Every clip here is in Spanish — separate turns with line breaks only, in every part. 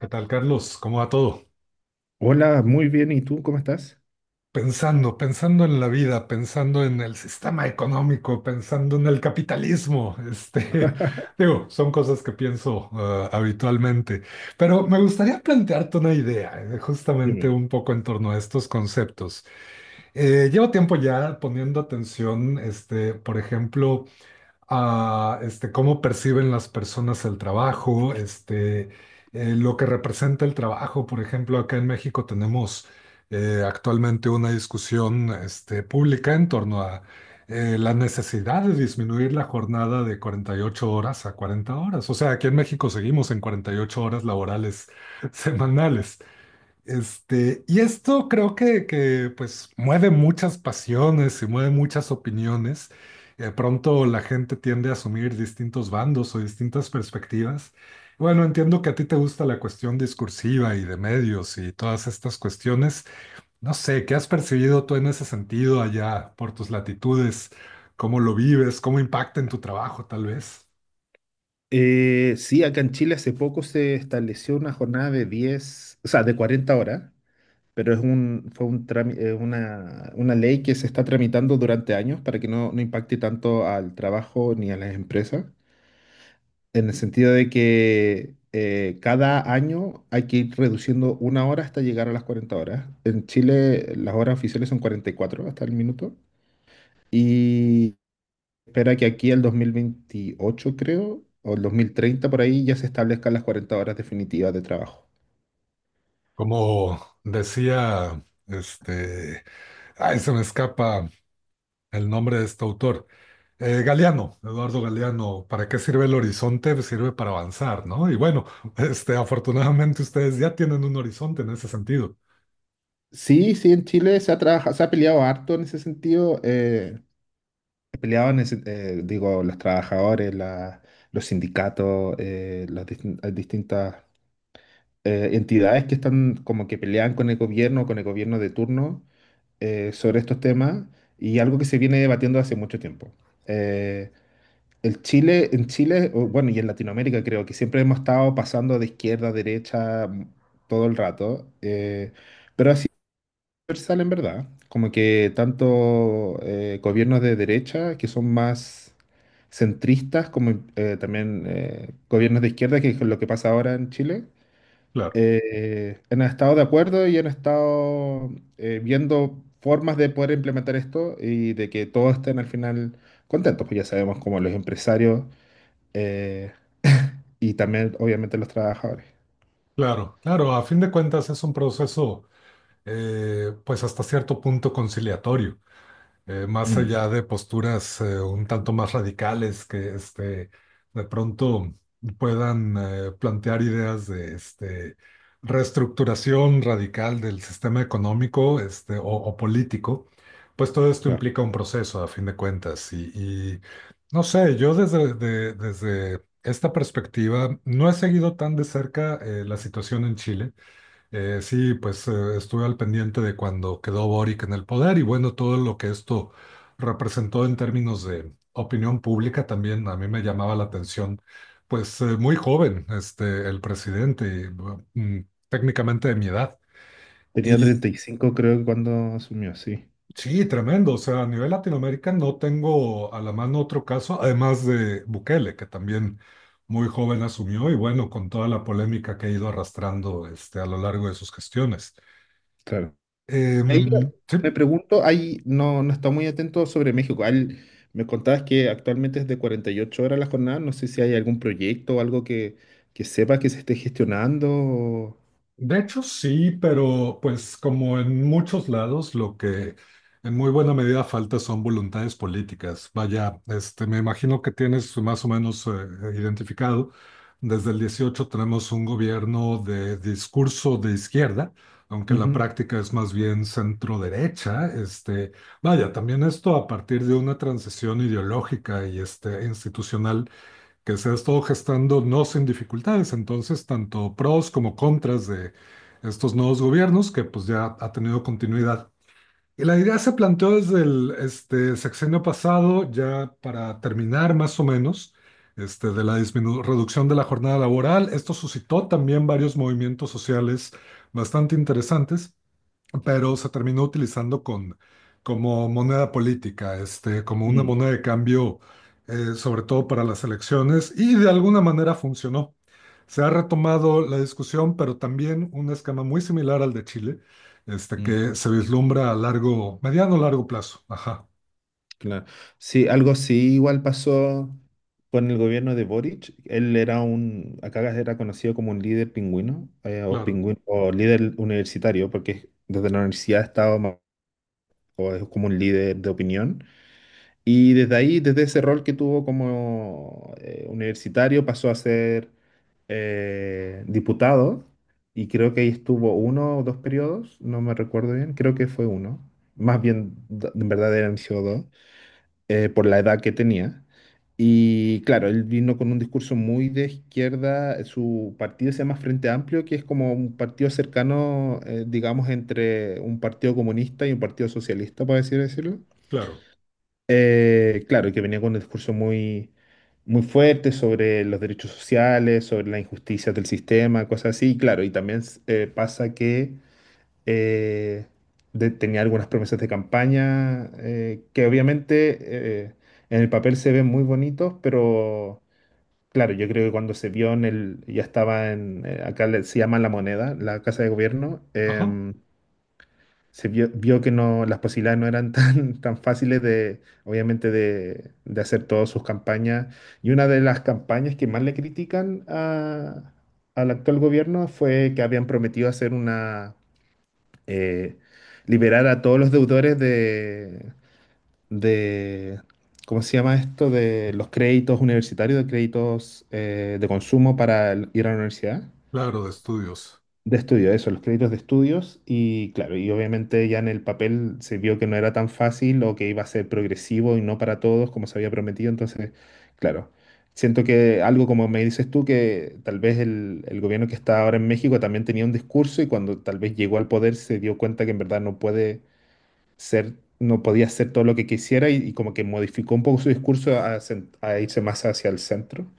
¿Qué tal, Carlos? ¿Cómo va todo?
Hola, muy bien. ¿Y tú cómo estás?
Pensando, pensando en la vida, pensando en el sistema económico, pensando en el capitalismo. Digo, son cosas que pienso habitualmente, pero me gustaría plantearte una idea, justamente
Dime.
un poco en torno a estos conceptos. Llevo tiempo ya poniendo atención, por ejemplo, a cómo perciben las personas el trabajo, lo que representa el trabajo. Por ejemplo, acá en México tenemos actualmente una discusión pública en torno a la necesidad de disminuir la jornada de 48 horas a 40 horas. O sea, aquí en México seguimos en 48 horas laborales semanales. Y esto creo que pues mueve muchas pasiones y mueve muchas opiniones. De pronto la gente tiende a asumir distintos bandos o distintas perspectivas. Bueno, entiendo que a ti te gusta la cuestión discursiva y de medios y todas estas cuestiones. No sé, ¿qué has percibido tú en ese sentido allá por tus latitudes? ¿Cómo lo vives? ¿Cómo impacta en tu trabajo, tal vez?
Sí, acá en Chile hace poco se estableció una jornada de 10, o sea, de 40 horas, pero fue un una ley que se está tramitando durante años para que no impacte tanto al trabajo ni a las empresas, en el sentido de que cada año hay que ir reduciendo una hora hasta llegar a las 40 horas. En Chile las horas oficiales son 44 hasta el minuto. Espera que aquí el 2028 creo, o el 2030 por ahí ya se establezcan las 40 horas definitivas de trabajo.
Como decía, ay, se me escapa el nombre de este autor. Galeano, Eduardo Galeano, ¿para qué sirve el horizonte? Pues sirve para avanzar, ¿no? Y bueno, afortunadamente ustedes ya tienen un horizonte en ese sentido.
Sí, sí, en Chile se ha peleado harto en ese sentido. Peleaban, digo, los trabajadores, los sindicatos, eh, las distintas entidades que están como que pelean con el gobierno de turno sobre estos temas y algo que se viene debatiendo hace mucho tiempo. Eh, en Chile, o bueno, y en Latinoamérica creo que siempre hemos estado pasando de izquierda a derecha todo el rato, pero así es universal en verdad, como que tanto gobiernos de derecha que son más centristas, como también gobiernos de izquierda, que es lo que pasa ahora en Chile,
Claro,
han estado de acuerdo y han estado viendo formas de poder implementar esto y de que todos estén al final contentos, pues ya sabemos como los empresarios, eh, y también, obviamente, los trabajadores.
claro, claro. A fin de cuentas es un proceso, pues hasta cierto punto conciliatorio. Más
Mm,
allá de posturas un tanto más radicales que de pronto puedan plantear ideas de reestructuración radical del sistema económico o político, pues todo esto
claro.
implica un proceso a fin de cuentas. Y no sé, yo desde esta perspectiva no he seguido tan de cerca la situación en Chile. Sí, pues estuve al pendiente de cuando quedó Boric en el poder y bueno, todo lo que esto representó en términos de opinión pública también a mí me llamaba la atención, pues muy joven, el presidente, y, bueno, técnicamente de mi edad.
Tenía
Y
35 creo que cuando asumió, sí,
sí, tremendo, o sea, a nivel Latinoamérica no tengo a la mano otro caso, además de Bukele, que también muy joven asumió y bueno, con toda la polémica que ha ido arrastrando a lo largo de sus gestiones.
claro. Ahí yo
Sí.
me pregunto, ahí no está muy atento sobre México. Me contabas que actualmente es de 48 horas la jornada. No sé si hay algún proyecto o algo que sepa que se esté gestionando. O-
De hecho, sí, pero pues como en muchos lados, lo que en muy buena medida falta son voluntades políticas. Vaya, me imagino que tienes más o menos identificado. Desde el 18 tenemos un gobierno de discurso de izquierda, aunque la
Ujú.
práctica es más bien centro derecha. Vaya, también esto a partir de una transición ideológica y institucional que se ha estado gestando no sin dificultades. Entonces, tanto pros como contras de estos nuevos gobiernos, que pues ya ha tenido continuidad. Y la idea se planteó desde el sexenio pasado, ya para terminar más o menos, de la reducción de la jornada laboral. Esto suscitó también varios movimientos sociales bastante interesantes, pero se terminó utilizando como moneda política, como una
Mm,
moneda de cambio, sobre todo para las elecciones, y de alguna manera funcionó. Se ha retomado la discusión, pero también un esquema muy similar al de Chile,
mm.
que se vislumbra a largo, mediano largo plazo. Ajá,
Claro. Sí, algo así igual pasó con el gobierno de Boric. Él acá era conocido como un líder pingüino, o
claro,
pingüino, o líder universitario, porque desde la universidad estaba ma- o es como un líder de opinión. Y desde ahí, desde ese rol que tuvo como universitario, pasó a ser diputado. Y creo que ahí estuvo uno o dos periodos, no me recuerdo bien, creo que fue uno. Más bien, d- en verdad eran sido dos, por la edad que tenía. Y claro, él vino con un discurso muy de izquierda. Su partido se llama Frente Amplio, que es como un partido cercano, digamos, entre un partido comunista y un partido socialista, por así decirlo.
claro,
Claro, y que venía con un discurso muy fuerte sobre los derechos sociales, sobre las injusticias del sistema, cosas así. Y claro, y también pasa que eh, tenía algunas promesas de campaña que obviamente, eh, en el papel se ven muy bonitos, pero claro, yo creo que cuando se vio ya estaba en, se llama La Moneda, la Casa de Gobierno.
ajá,
Se vio, vio que no, las posibilidades no eran tan fáciles de, obviamente, de hacer todas sus campañas. Y una de las campañas que más le critican al actual gobierno fue que habían prometido hacer una, eh, liberar a todos los deudores de, ¿cómo se llama esto? De los créditos universitarios, de créditos de consumo para el- ir a la universidad.
claro, de estudios.
De estudio, eso, los créditos de estudios. Y claro, y obviamente ya en el papel se vio que no era tan fácil o que iba a ser progresivo y no para todos como se había prometido. Entonces, claro, siento que algo como me dices tú, que tal vez el gobierno que está ahora en México también tenía un discurso y cuando tal vez llegó al poder se dio cuenta que en verdad no puede ser, no podía hacer todo lo que quisiera y como que modificó un poco su discurso a, a irse más hacia el centro.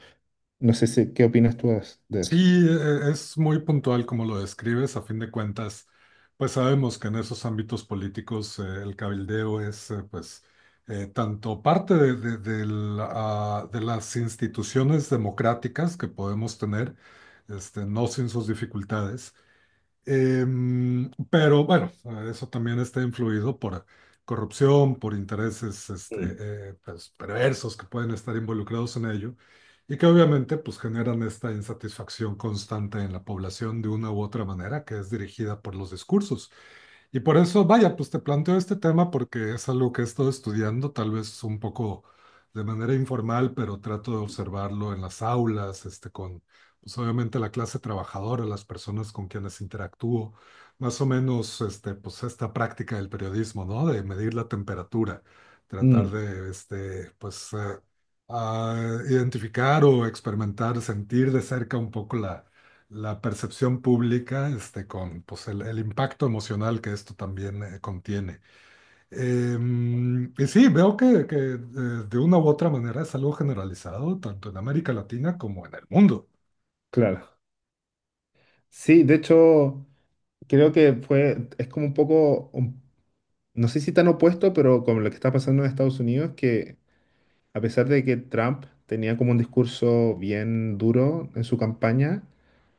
No sé si, ¿qué opinas tú as- de eso?
Sí, es muy puntual como lo describes. A fin de cuentas, pues sabemos que en esos ámbitos políticos el cabildeo es pues tanto parte de las instituciones democráticas que podemos tener, no sin sus dificultades. Pero bueno, eso también está influido por corrupción, por intereses
Mm.
pues, perversos que pueden estar involucrados en ello, y que obviamente pues, generan esta insatisfacción constante en la población de una u otra manera que es dirigida por los discursos. Y por eso, vaya, pues te planteo este tema porque es algo que he estado estudiando, tal vez un poco de manera informal, pero trato de observarlo en las aulas, pues obviamente la clase trabajadora, las personas con quienes interactúo, más o menos, pues esta práctica del periodismo, ¿no? De medir la temperatura, tratar
Mm,
de, pues, identificar o experimentar, sentir de cerca un poco la percepción pública, con pues, el impacto emocional que esto también contiene. Y sí, veo que de una u otra manera es algo generalizado, tanto en América Latina como en el mundo.
claro. Sí, de hecho, creo que fue, es como un poco, un- no sé si tan opuesto, pero como lo que está pasando en Estados Unidos, que a pesar de que Trump tenía como un discurso bien duro en su campaña,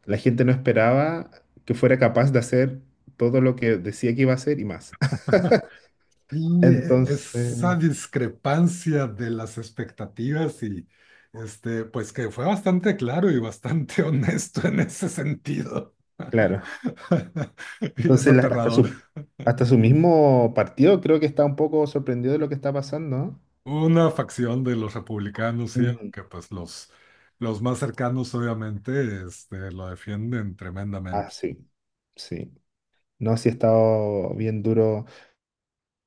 la gente no esperaba que fuera capaz de hacer todo lo que decía que iba a hacer y más.
Y
Entonces,
esa discrepancia de las expectativas y pues que fue bastante claro y bastante honesto en ese sentido.
claro.
Y es
Entonces,
aterrador.
hasta su mismo partido creo que está un poco sorprendido de lo que está pasando, ¿no?
Una facción de los republicanos, sí,
Mm,
que pues los más cercanos obviamente lo defienden
ah,
tremendamente.
sí, sí. No, sí ha estado bien duro.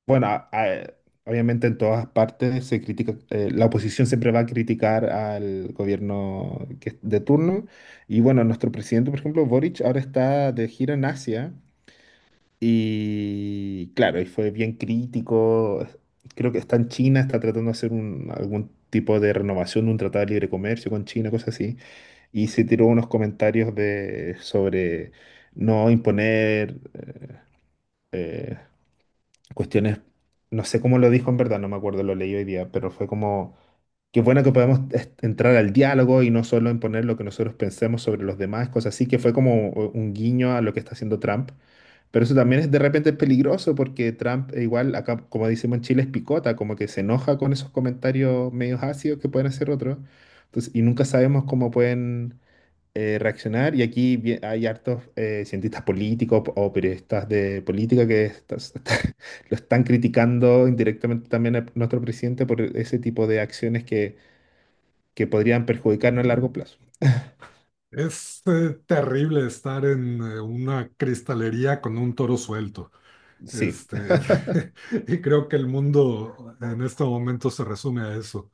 Bueno, obviamente en todas partes se critica, la oposición siempre va a criticar al gobierno de turno. Y bueno, nuestro presidente, por ejemplo, Boric, ahora está de gira en Asia. Y claro, y fue bien crítico. Creo que está en China, está tratando de hacer un- algún tipo de renovación de un tratado de libre comercio con China, cosas así. Y se tiró unos comentarios de, sobre no imponer eh, cuestiones, no sé cómo lo dijo en verdad, no me acuerdo, lo leí hoy día, pero fue como, qué bueno que podemos entrar al diálogo y no solo imponer lo que nosotros pensemos sobre los demás, cosas así, que fue como un guiño a lo que está haciendo Trump. Pero eso también es de repente peligroso porque Trump, igual, acá, como decimos en Chile, es picota, como que se enoja con esos comentarios medios ácidos que pueden hacer otros. Entonces, y nunca sabemos cómo pueden reaccionar. Y aquí hay hartos cientistas políticos o periodistas de política que estas- lo están criticando indirectamente también a nuestro presidente por ese tipo de acciones que podrían perjudicarnos a largo plazo.
Es terrible estar en una cristalería con un toro suelto.
Sí,
Este, y creo que el mundo en este momento se resume a eso.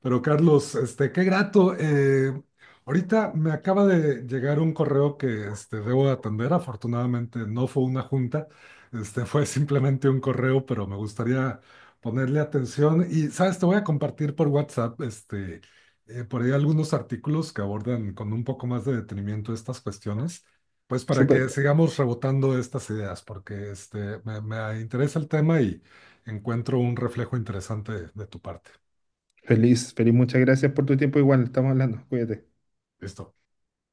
Pero Carlos, qué grato. Ahorita me acaba de llegar un correo que debo atender. Afortunadamente no fue una junta, fue simplemente un correo, pero me gustaría ponerle atención. Y, sabes, te voy a compartir por WhatsApp por ahí algunos artículos que abordan con un poco más de detenimiento estas cuestiones, pues para
súper.
que sigamos rebotando estas ideas, porque me interesa el tema y encuentro un reflejo interesante de tu parte.
Feliz, feliz, muchas gracias por tu tiempo. Igual, estamos hablando. Cuídate.
¿Listo?